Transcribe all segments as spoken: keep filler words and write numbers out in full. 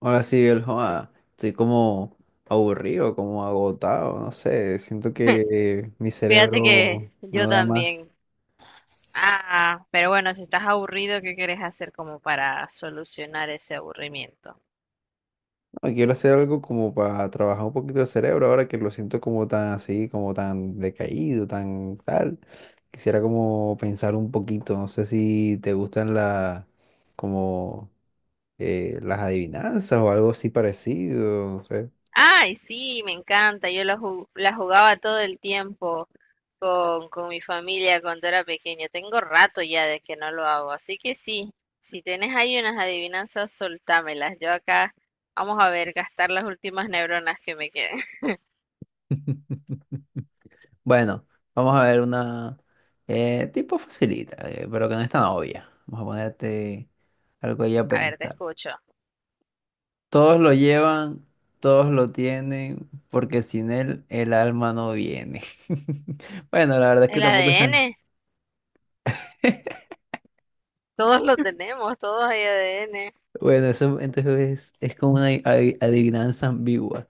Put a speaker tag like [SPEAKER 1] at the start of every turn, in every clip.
[SPEAKER 1] Ahora sí, el joda, estoy como aburrido, como agotado, no sé, siento que eh, mi
[SPEAKER 2] Fíjate que
[SPEAKER 1] cerebro no
[SPEAKER 2] yo
[SPEAKER 1] da
[SPEAKER 2] también.
[SPEAKER 1] más.
[SPEAKER 2] Ah, pero bueno, si estás aburrido, ¿qué quieres hacer como para solucionar ese aburrimiento?
[SPEAKER 1] No, quiero hacer algo como para trabajar un poquito el cerebro ahora que lo siento como tan así, como tan decaído, tan tal. Quisiera como pensar un poquito, no sé si te gustan la como eh, las adivinanzas o algo así parecido, no sé.
[SPEAKER 2] Ay, sí, me encanta. Yo la, ju- la jugaba todo el tiempo con, con mi familia cuando era pequeña. Tengo rato ya de que no lo hago. Así que sí, si tenés ahí unas adivinanzas, soltámelas. Yo acá vamos a ver, gastar las últimas neuronas que me queden.
[SPEAKER 1] Bueno, vamos a ver una eh, tipo facilita, eh, pero que no es tan obvia. Vamos a ponerte algo ahí a
[SPEAKER 2] A ver, te
[SPEAKER 1] pensar.
[SPEAKER 2] escucho.
[SPEAKER 1] Todos lo llevan, todos lo tienen, porque sin él el alma no viene. Bueno, la verdad es que
[SPEAKER 2] ¿El
[SPEAKER 1] tampoco están.
[SPEAKER 2] A D N? Todos lo tenemos, todos hay A D N.
[SPEAKER 1] Bueno, eso entonces es, es como una adi- adivinanza ambigua,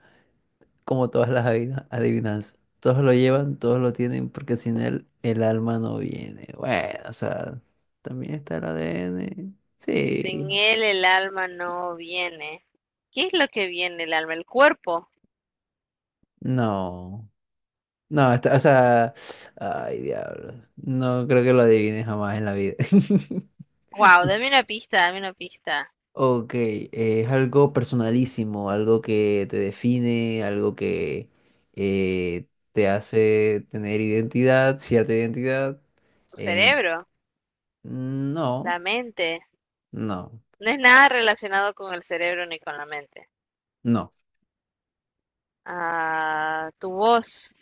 [SPEAKER 1] como todas las adivina- adivinanzas. Todos lo llevan, todos lo tienen, porque sin él el alma no viene. Bueno, o sea, también está el A D N.
[SPEAKER 2] Sin
[SPEAKER 1] Sí.
[SPEAKER 2] él el alma no viene. ¿Qué es lo que viene el alma? El cuerpo.
[SPEAKER 1] No, no, está- o sea, ay, diablo. No creo que lo adivine jamás en la vida.
[SPEAKER 2] Wow, dame una pista, dame una pista.
[SPEAKER 1] Ok, eh, es algo personalísimo, algo que te define, algo que eh, te hace tener identidad, cierta identidad.
[SPEAKER 2] Tu
[SPEAKER 1] en-
[SPEAKER 2] cerebro,
[SPEAKER 1] no,
[SPEAKER 2] la mente.
[SPEAKER 1] no,
[SPEAKER 2] No es nada relacionado con el cerebro ni con la mente.
[SPEAKER 1] no,
[SPEAKER 2] Ah, tu voz,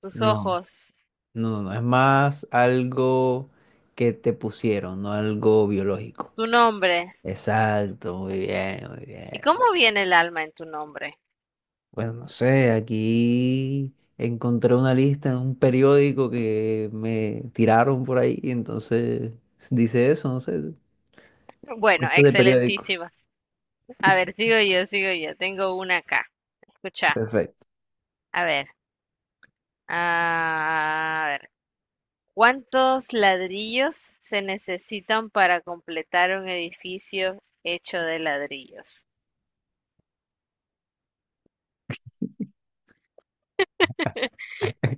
[SPEAKER 2] tus
[SPEAKER 1] no,
[SPEAKER 2] ojos,
[SPEAKER 1] no, no, no. Es más algo que te pusieron, no algo biológico.
[SPEAKER 2] tu nombre.
[SPEAKER 1] Exacto, muy bien, muy
[SPEAKER 2] ¿Y
[SPEAKER 1] bien.
[SPEAKER 2] cómo viene el alma en tu nombre?
[SPEAKER 1] Bueno, no sé, aquí encontré una lista en un periódico que me tiraron por ahí, y entonces dice eso, no sé,
[SPEAKER 2] Bueno,
[SPEAKER 1] cosas de periódico.
[SPEAKER 2] excelentísima. A
[SPEAKER 1] Dice,
[SPEAKER 2] ver, sigo yo, sigo yo. Tengo una acá. Escucha.
[SPEAKER 1] perfecto.
[SPEAKER 2] A ver. Ah, a ver. ¿Cuántos ladrillos se necesitan para completar un edificio hecho de ladrillos?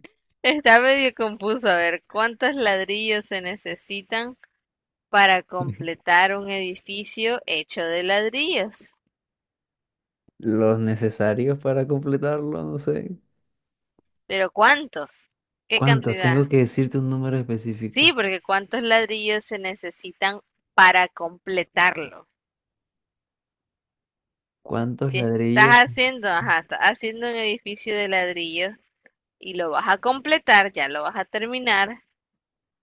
[SPEAKER 2] Está medio confuso. A ver, ¿cuántos ladrillos se necesitan para completar un edificio hecho de ladrillos?
[SPEAKER 1] Los necesarios para completarlo, no sé.
[SPEAKER 2] Pero ¿cuántos? ¿Qué
[SPEAKER 1] ¿Cuántos?
[SPEAKER 2] cantidad?
[SPEAKER 1] Tengo que decirte un número
[SPEAKER 2] Sí,
[SPEAKER 1] específico.
[SPEAKER 2] porque ¿cuántos ladrillos se necesitan para completarlo?
[SPEAKER 1] ¿Cuántos
[SPEAKER 2] Si estás
[SPEAKER 1] ladrillos?
[SPEAKER 2] haciendo, ajá, estás haciendo un edificio de ladrillos y lo vas a completar, ya lo vas a terminar,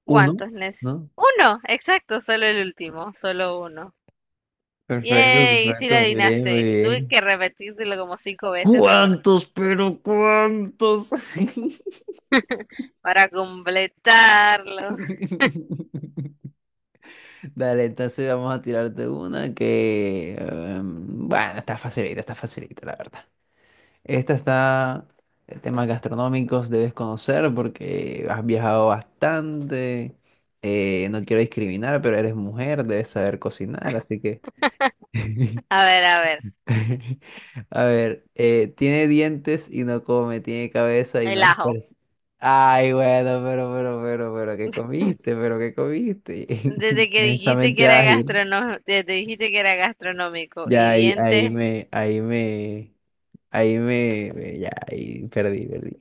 [SPEAKER 1] Uno,
[SPEAKER 2] ¿cuántos nes?
[SPEAKER 1] ¿no?
[SPEAKER 2] Uno, exacto, solo el último, solo uno.
[SPEAKER 1] Perfecto,
[SPEAKER 2] Yay, sí la
[SPEAKER 1] perfecto, muy bien,
[SPEAKER 2] adivinaste,
[SPEAKER 1] muy
[SPEAKER 2] ¿viste? Tuve
[SPEAKER 1] bien.
[SPEAKER 2] que repetírtelo como cinco veces, pero bueno,
[SPEAKER 1] ¿Cuántos, pero cuántos?
[SPEAKER 2] para completarlo.
[SPEAKER 1] Dale, entonces vamos a tirarte una que, em, bueno, está facilita, está facilita, la verdad. Esta está, eh, temas gastronómicos debes conocer porque has viajado bastante. Eh, no quiero discriminar, pero eres mujer, debes saber cocinar, así que.
[SPEAKER 2] A ver, a ver,
[SPEAKER 1] A ver, eh, tiene dientes y no come, tiene cabeza y no
[SPEAKER 2] el
[SPEAKER 1] es
[SPEAKER 2] ajo.
[SPEAKER 1] pers- Ay, bueno, pero, pero, pero, pero, ¿qué comiste? ¿Pero qué comiste?
[SPEAKER 2] Desde que dijiste que
[SPEAKER 1] Inmensamente
[SPEAKER 2] era
[SPEAKER 1] ágil.
[SPEAKER 2] gastronómico, desde dijiste que era gastronómico
[SPEAKER 1] Ya
[SPEAKER 2] y
[SPEAKER 1] ahí, ahí
[SPEAKER 2] dientes,
[SPEAKER 1] me, ahí me, ahí me, me- ya ahí perdí, perdí.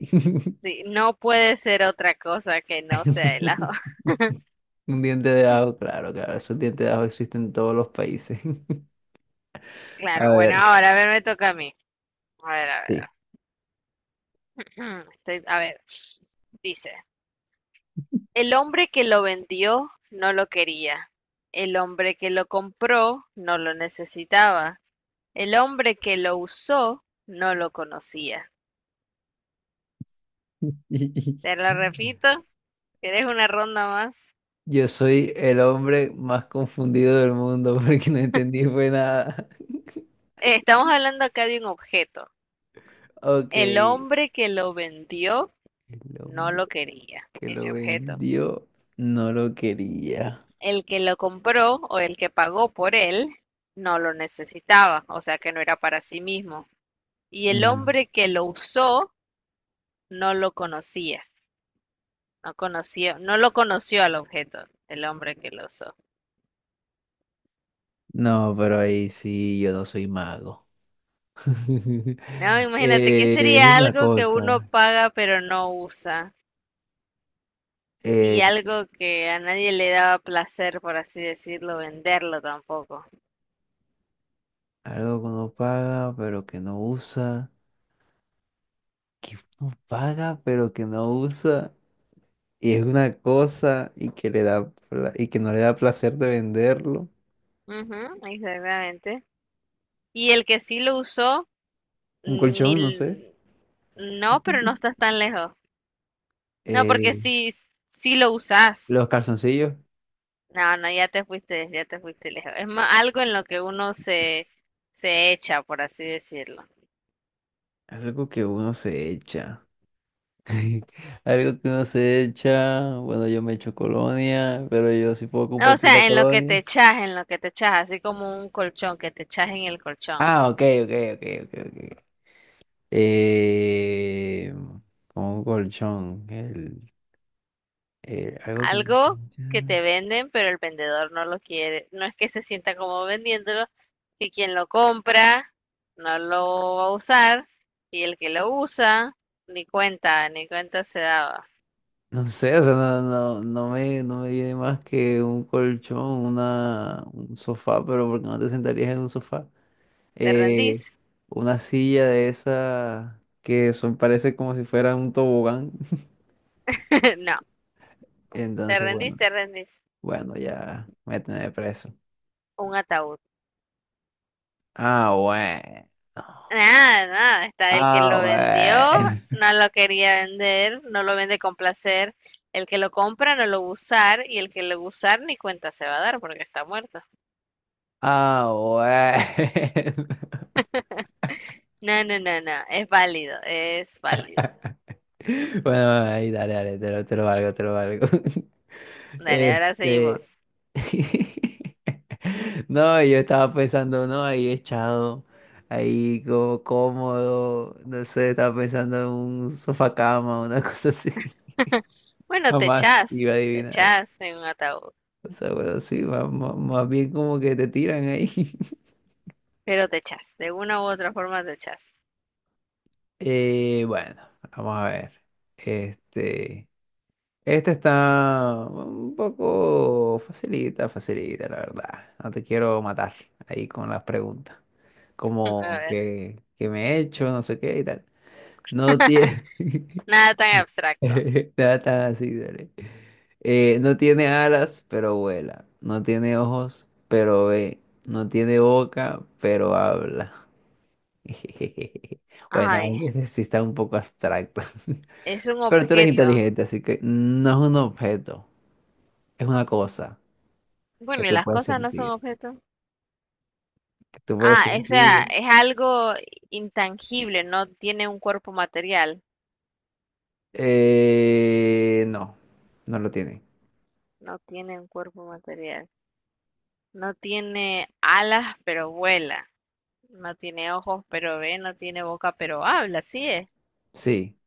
[SPEAKER 2] sí, no puede ser otra cosa que no sea el ajo.
[SPEAKER 1] Un diente de ajo, claro, claro, esos dientes de ajo existen en todos los países. A
[SPEAKER 2] Claro, bueno,
[SPEAKER 1] ver,
[SPEAKER 2] ahora a ver, me toca a mí. A ver, a ver.
[SPEAKER 1] sí.
[SPEAKER 2] Estoy, a ver. Dice, el hombre que lo vendió no lo quería; el hombre que lo compró no lo necesitaba; el hombre que lo usó no lo conocía. Te lo repito, ¿quieres una ronda más?
[SPEAKER 1] Yo soy el hombre más confundido del mundo porque no entendí fue nada.
[SPEAKER 2] Eh, Estamos hablando acá de un objeto.
[SPEAKER 1] Ok,
[SPEAKER 2] El
[SPEAKER 1] el
[SPEAKER 2] hombre que lo vendió no
[SPEAKER 1] hombre
[SPEAKER 2] lo quería,
[SPEAKER 1] que lo
[SPEAKER 2] ese objeto.
[SPEAKER 1] vendió no lo quería.
[SPEAKER 2] El que lo compró o el que pagó por él no lo necesitaba, o sea que no era para sí mismo. Y el
[SPEAKER 1] Mm.
[SPEAKER 2] hombre que lo usó no lo conocía. No conoció, no lo conoció al objeto, el hombre que lo usó.
[SPEAKER 1] No, pero ahí sí, yo no soy mago.
[SPEAKER 2] No, imagínate, ¿qué
[SPEAKER 1] Eh, es
[SPEAKER 2] sería
[SPEAKER 1] una
[SPEAKER 2] algo que uno
[SPEAKER 1] cosa.
[SPEAKER 2] paga pero no usa? Y
[SPEAKER 1] eh,
[SPEAKER 2] algo que a nadie le daba placer, por así decirlo, venderlo tampoco.
[SPEAKER 1] Algo que uno paga, pero que no usa. Que uno paga, pero que no usa. Y es una cosa y que le da pla- y que no le da placer de venderlo.
[SPEAKER 2] Ujú, exactamente. Y el que sí lo usó,
[SPEAKER 1] Un
[SPEAKER 2] ni...
[SPEAKER 1] colchón, no sé.
[SPEAKER 2] l- no, pero no estás tan lejos. No, porque
[SPEAKER 1] eh,
[SPEAKER 2] si, si lo usas.
[SPEAKER 1] los calzoncillos.
[SPEAKER 2] No, no, ya te fuiste, ya te fuiste lejos. Es más, algo en lo que uno se, se echa, por así decirlo.
[SPEAKER 1] Algo que uno se echa. Algo que uno se echa. Bueno, yo me echo colonia, pero yo sí puedo
[SPEAKER 2] O
[SPEAKER 1] compartir la
[SPEAKER 2] sea, en lo que te
[SPEAKER 1] colonia.
[SPEAKER 2] echas, en lo que te echas, así como un colchón, que te echas en el colchón.
[SPEAKER 1] Ah, ok, ok, ok, ok, ok. Eh, Como un colchón. El, eh, algo que.
[SPEAKER 2] Algo que te venden, pero el vendedor no lo quiere. No es que se sienta como vendiéndolo, que quien lo compra no lo va a usar y el que lo usa ni cuenta, ni cuenta se daba.
[SPEAKER 1] No sé, o sea, no, no, no me, no me viene más que un colchón, una, un sofá, pero porque no te sentarías en un sofá.
[SPEAKER 2] ¿Te
[SPEAKER 1] Eh,
[SPEAKER 2] rendís?
[SPEAKER 1] una silla de esas que son, parece como si fuera un tobogán.
[SPEAKER 2] No, te
[SPEAKER 1] Entonces,
[SPEAKER 2] rendís,
[SPEAKER 1] bueno,
[SPEAKER 2] te rendís.
[SPEAKER 1] bueno, ya, méteme preso.
[SPEAKER 2] Un ataúd.
[SPEAKER 1] Ah, bueno.
[SPEAKER 2] Nada, nada, está el que
[SPEAKER 1] Ah,
[SPEAKER 2] lo vendió,
[SPEAKER 1] bueno.
[SPEAKER 2] no lo quería vender, no lo vende con placer, el que lo compra no lo va a usar y el que lo va a usar ni cuenta se va a dar porque está muerto.
[SPEAKER 1] Ah, bueno.
[SPEAKER 2] No, no, no, no, es válido, es válido.
[SPEAKER 1] Bueno, ahí, dale, dale, te lo, te lo valgo, te lo valgo.
[SPEAKER 2] Dale, ahora
[SPEAKER 1] Este.
[SPEAKER 2] seguimos.
[SPEAKER 1] No, yo estaba pensando, no, ahí echado, ahí como cómodo, no sé, estaba pensando en un sofá cama, una cosa así.
[SPEAKER 2] Bueno, te
[SPEAKER 1] Jamás
[SPEAKER 2] echas,
[SPEAKER 1] iba a
[SPEAKER 2] te
[SPEAKER 1] adivinar.
[SPEAKER 2] echas en un ataúd,
[SPEAKER 1] O sea, bueno, sí, ma- ma- más, bien como que te tiran ahí.
[SPEAKER 2] pero te echas, de una u otra forma te echas.
[SPEAKER 1] Eh, bueno, vamos a ver. Este. Este está un poco facilita, facilita, la verdad. No te quiero matar ahí con las preguntas.
[SPEAKER 2] A
[SPEAKER 1] Como
[SPEAKER 2] ver,
[SPEAKER 1] que, que me he hecho, no sé qué y tal. No tiene
[SPEAKER 2] nada tan abstracto.
[SPEAKER 1] nada tan así, dale. Eh, no tiene alas, pero vuela. No tiene ojos, pero ve. No tiene boca, pero habla. Bueno,
[SPEAKER 2] Ay,
[SPEAKER 1] ese sí está un poco abstracto.
[SPEAKER 2] es un
[SPEAKER 1] Pero tú eres
[SPEAKER 2] objeto.
[SPEAKER 1] inteligente, así que no es un objeto, es una cosa. Que
[SPEAKER 2] Bueno, ¿y
[SPEAKER 1] tú
[SPEAKER 2] las
[SPEAKER 1] puedes
[SPEAKER 2] cosas no son
[SPEAKER 1] sentir,
[SPEAKER 2] objetos?
[SPEAKER 1] que tú puedes
[SPEAKER 2] Ah, o sea,
[SPEAKER 1] sentir.
[SPEAKER 2] es algo intangible, no tiene un cuerpo material,
[SPEAKER 1] Eh, no, no lo tiene.
[SPEAKER 2] no tiene un cuerpo material, no tiene alas pero vuela, no tiene ojos pero ve, no tiene boca pero habla, así es,
[SPEAKER 1] Sí,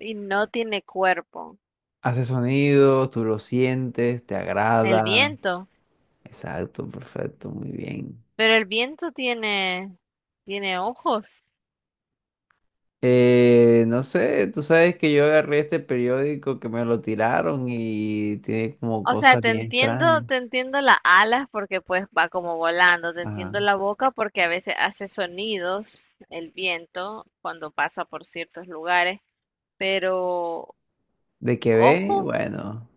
[SPEAKER 2] y no tiene cuerpo.
[SPEAKER 1] hace sonido, tú lo sientes, te
[SPEAKER 2] El
[SPEAKER 1] agrada.
[SPEAKER 2] viento,
[SPEAKER 1] Exacto, perfecto, muy bien.
[SPEAKER 2] pero el viento tiene, tiene ojos.
[SPEAKER 1] Eh, no sé, tú sabes que yo agarré este periódico que me lo tiraron y tiene como
[SPEAKER 2] O sea,
[SPEAKER 1] cosas
[SPEAKER 2] te
[SPEAKER 1] bien
[SPEAKER 2] entiendo,
[SPEAKER 1] extrañas.
[SPEAKER 2] te entiendo las alas porque pues va como volando, te entiendo
[SPEAKER 1] Ajá.
[SPEAKER 2] la boca porque a veces hace sonidos el viento cuando pasa por ciertos lugares. Pero
[SPEAKER 1] De que ve,
[SPEAKER 2] ojo,
[SPEAKER 1] bueno,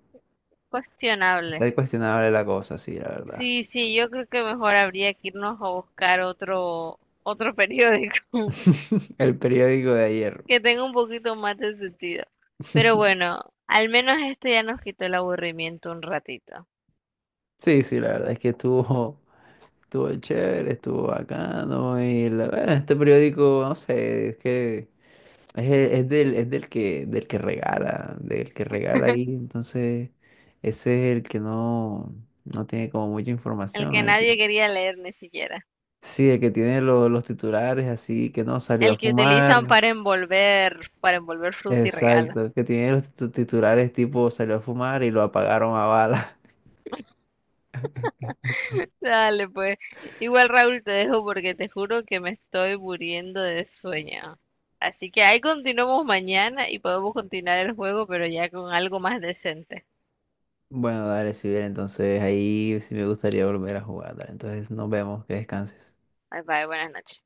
[SPEAKER 2] cuestionable.
[SPEAKER 1] está cuestionable la cosa, sí, la verdad.
[SPEAKER 2] Sí, sí, yo creo que mejor habría que irnos a buscar otro, otro periódico
[SPEAKER 1] El periódico de ayer.
[SPEAKER 2] que tenga un poquito más de sentido. Pero bueno, al menos este ya nos quitó el aburrimiento un ratito.
[SPEAKER 1] Sí, sí, la verdad es que estuvo. Estuvo chévere, estuvo bacano. Y la, bueno, este periódico, no sé, es que es, es del, es del que, del que regala, del que regala ahí. Entonces, ese es el que no, no tiene como mucha
[SPEAKER 2] El
[SPEAKER 1] información.
[SPEAKER 2] que
[SPEAKER 1] El que-
[SPEAKER 2] nadie quería leer ni siquiera.
[SPEAKER 1] sí, el que tiene lo- los titulares así, que no salió a
[SPEAKER 2] El que utilizan
[SPEAKER 1] fumar.
[SPEAKER 2] para envolver, para envolver fruta y regalo.
[SPEAKER 1] Exacto, que tiene los titu- titulares tipo salió a fumar y lo apagaron a bala.
[SPEAKER 2] Dale, pues. Igual, Raúl, te dejo porque te juro que me estoy muriendo de sueño. Así que ahí continuamos mañana y podemos continuar el juego, pero ya con algo más decente.
[SPEAKER 1] Bueno, dale, si bien, entonces ahí sí me gustaría volver a jugar. Dale, entonces nos vemos, que descanses.
[SPEAKER 2] Bye bye, buenas noches.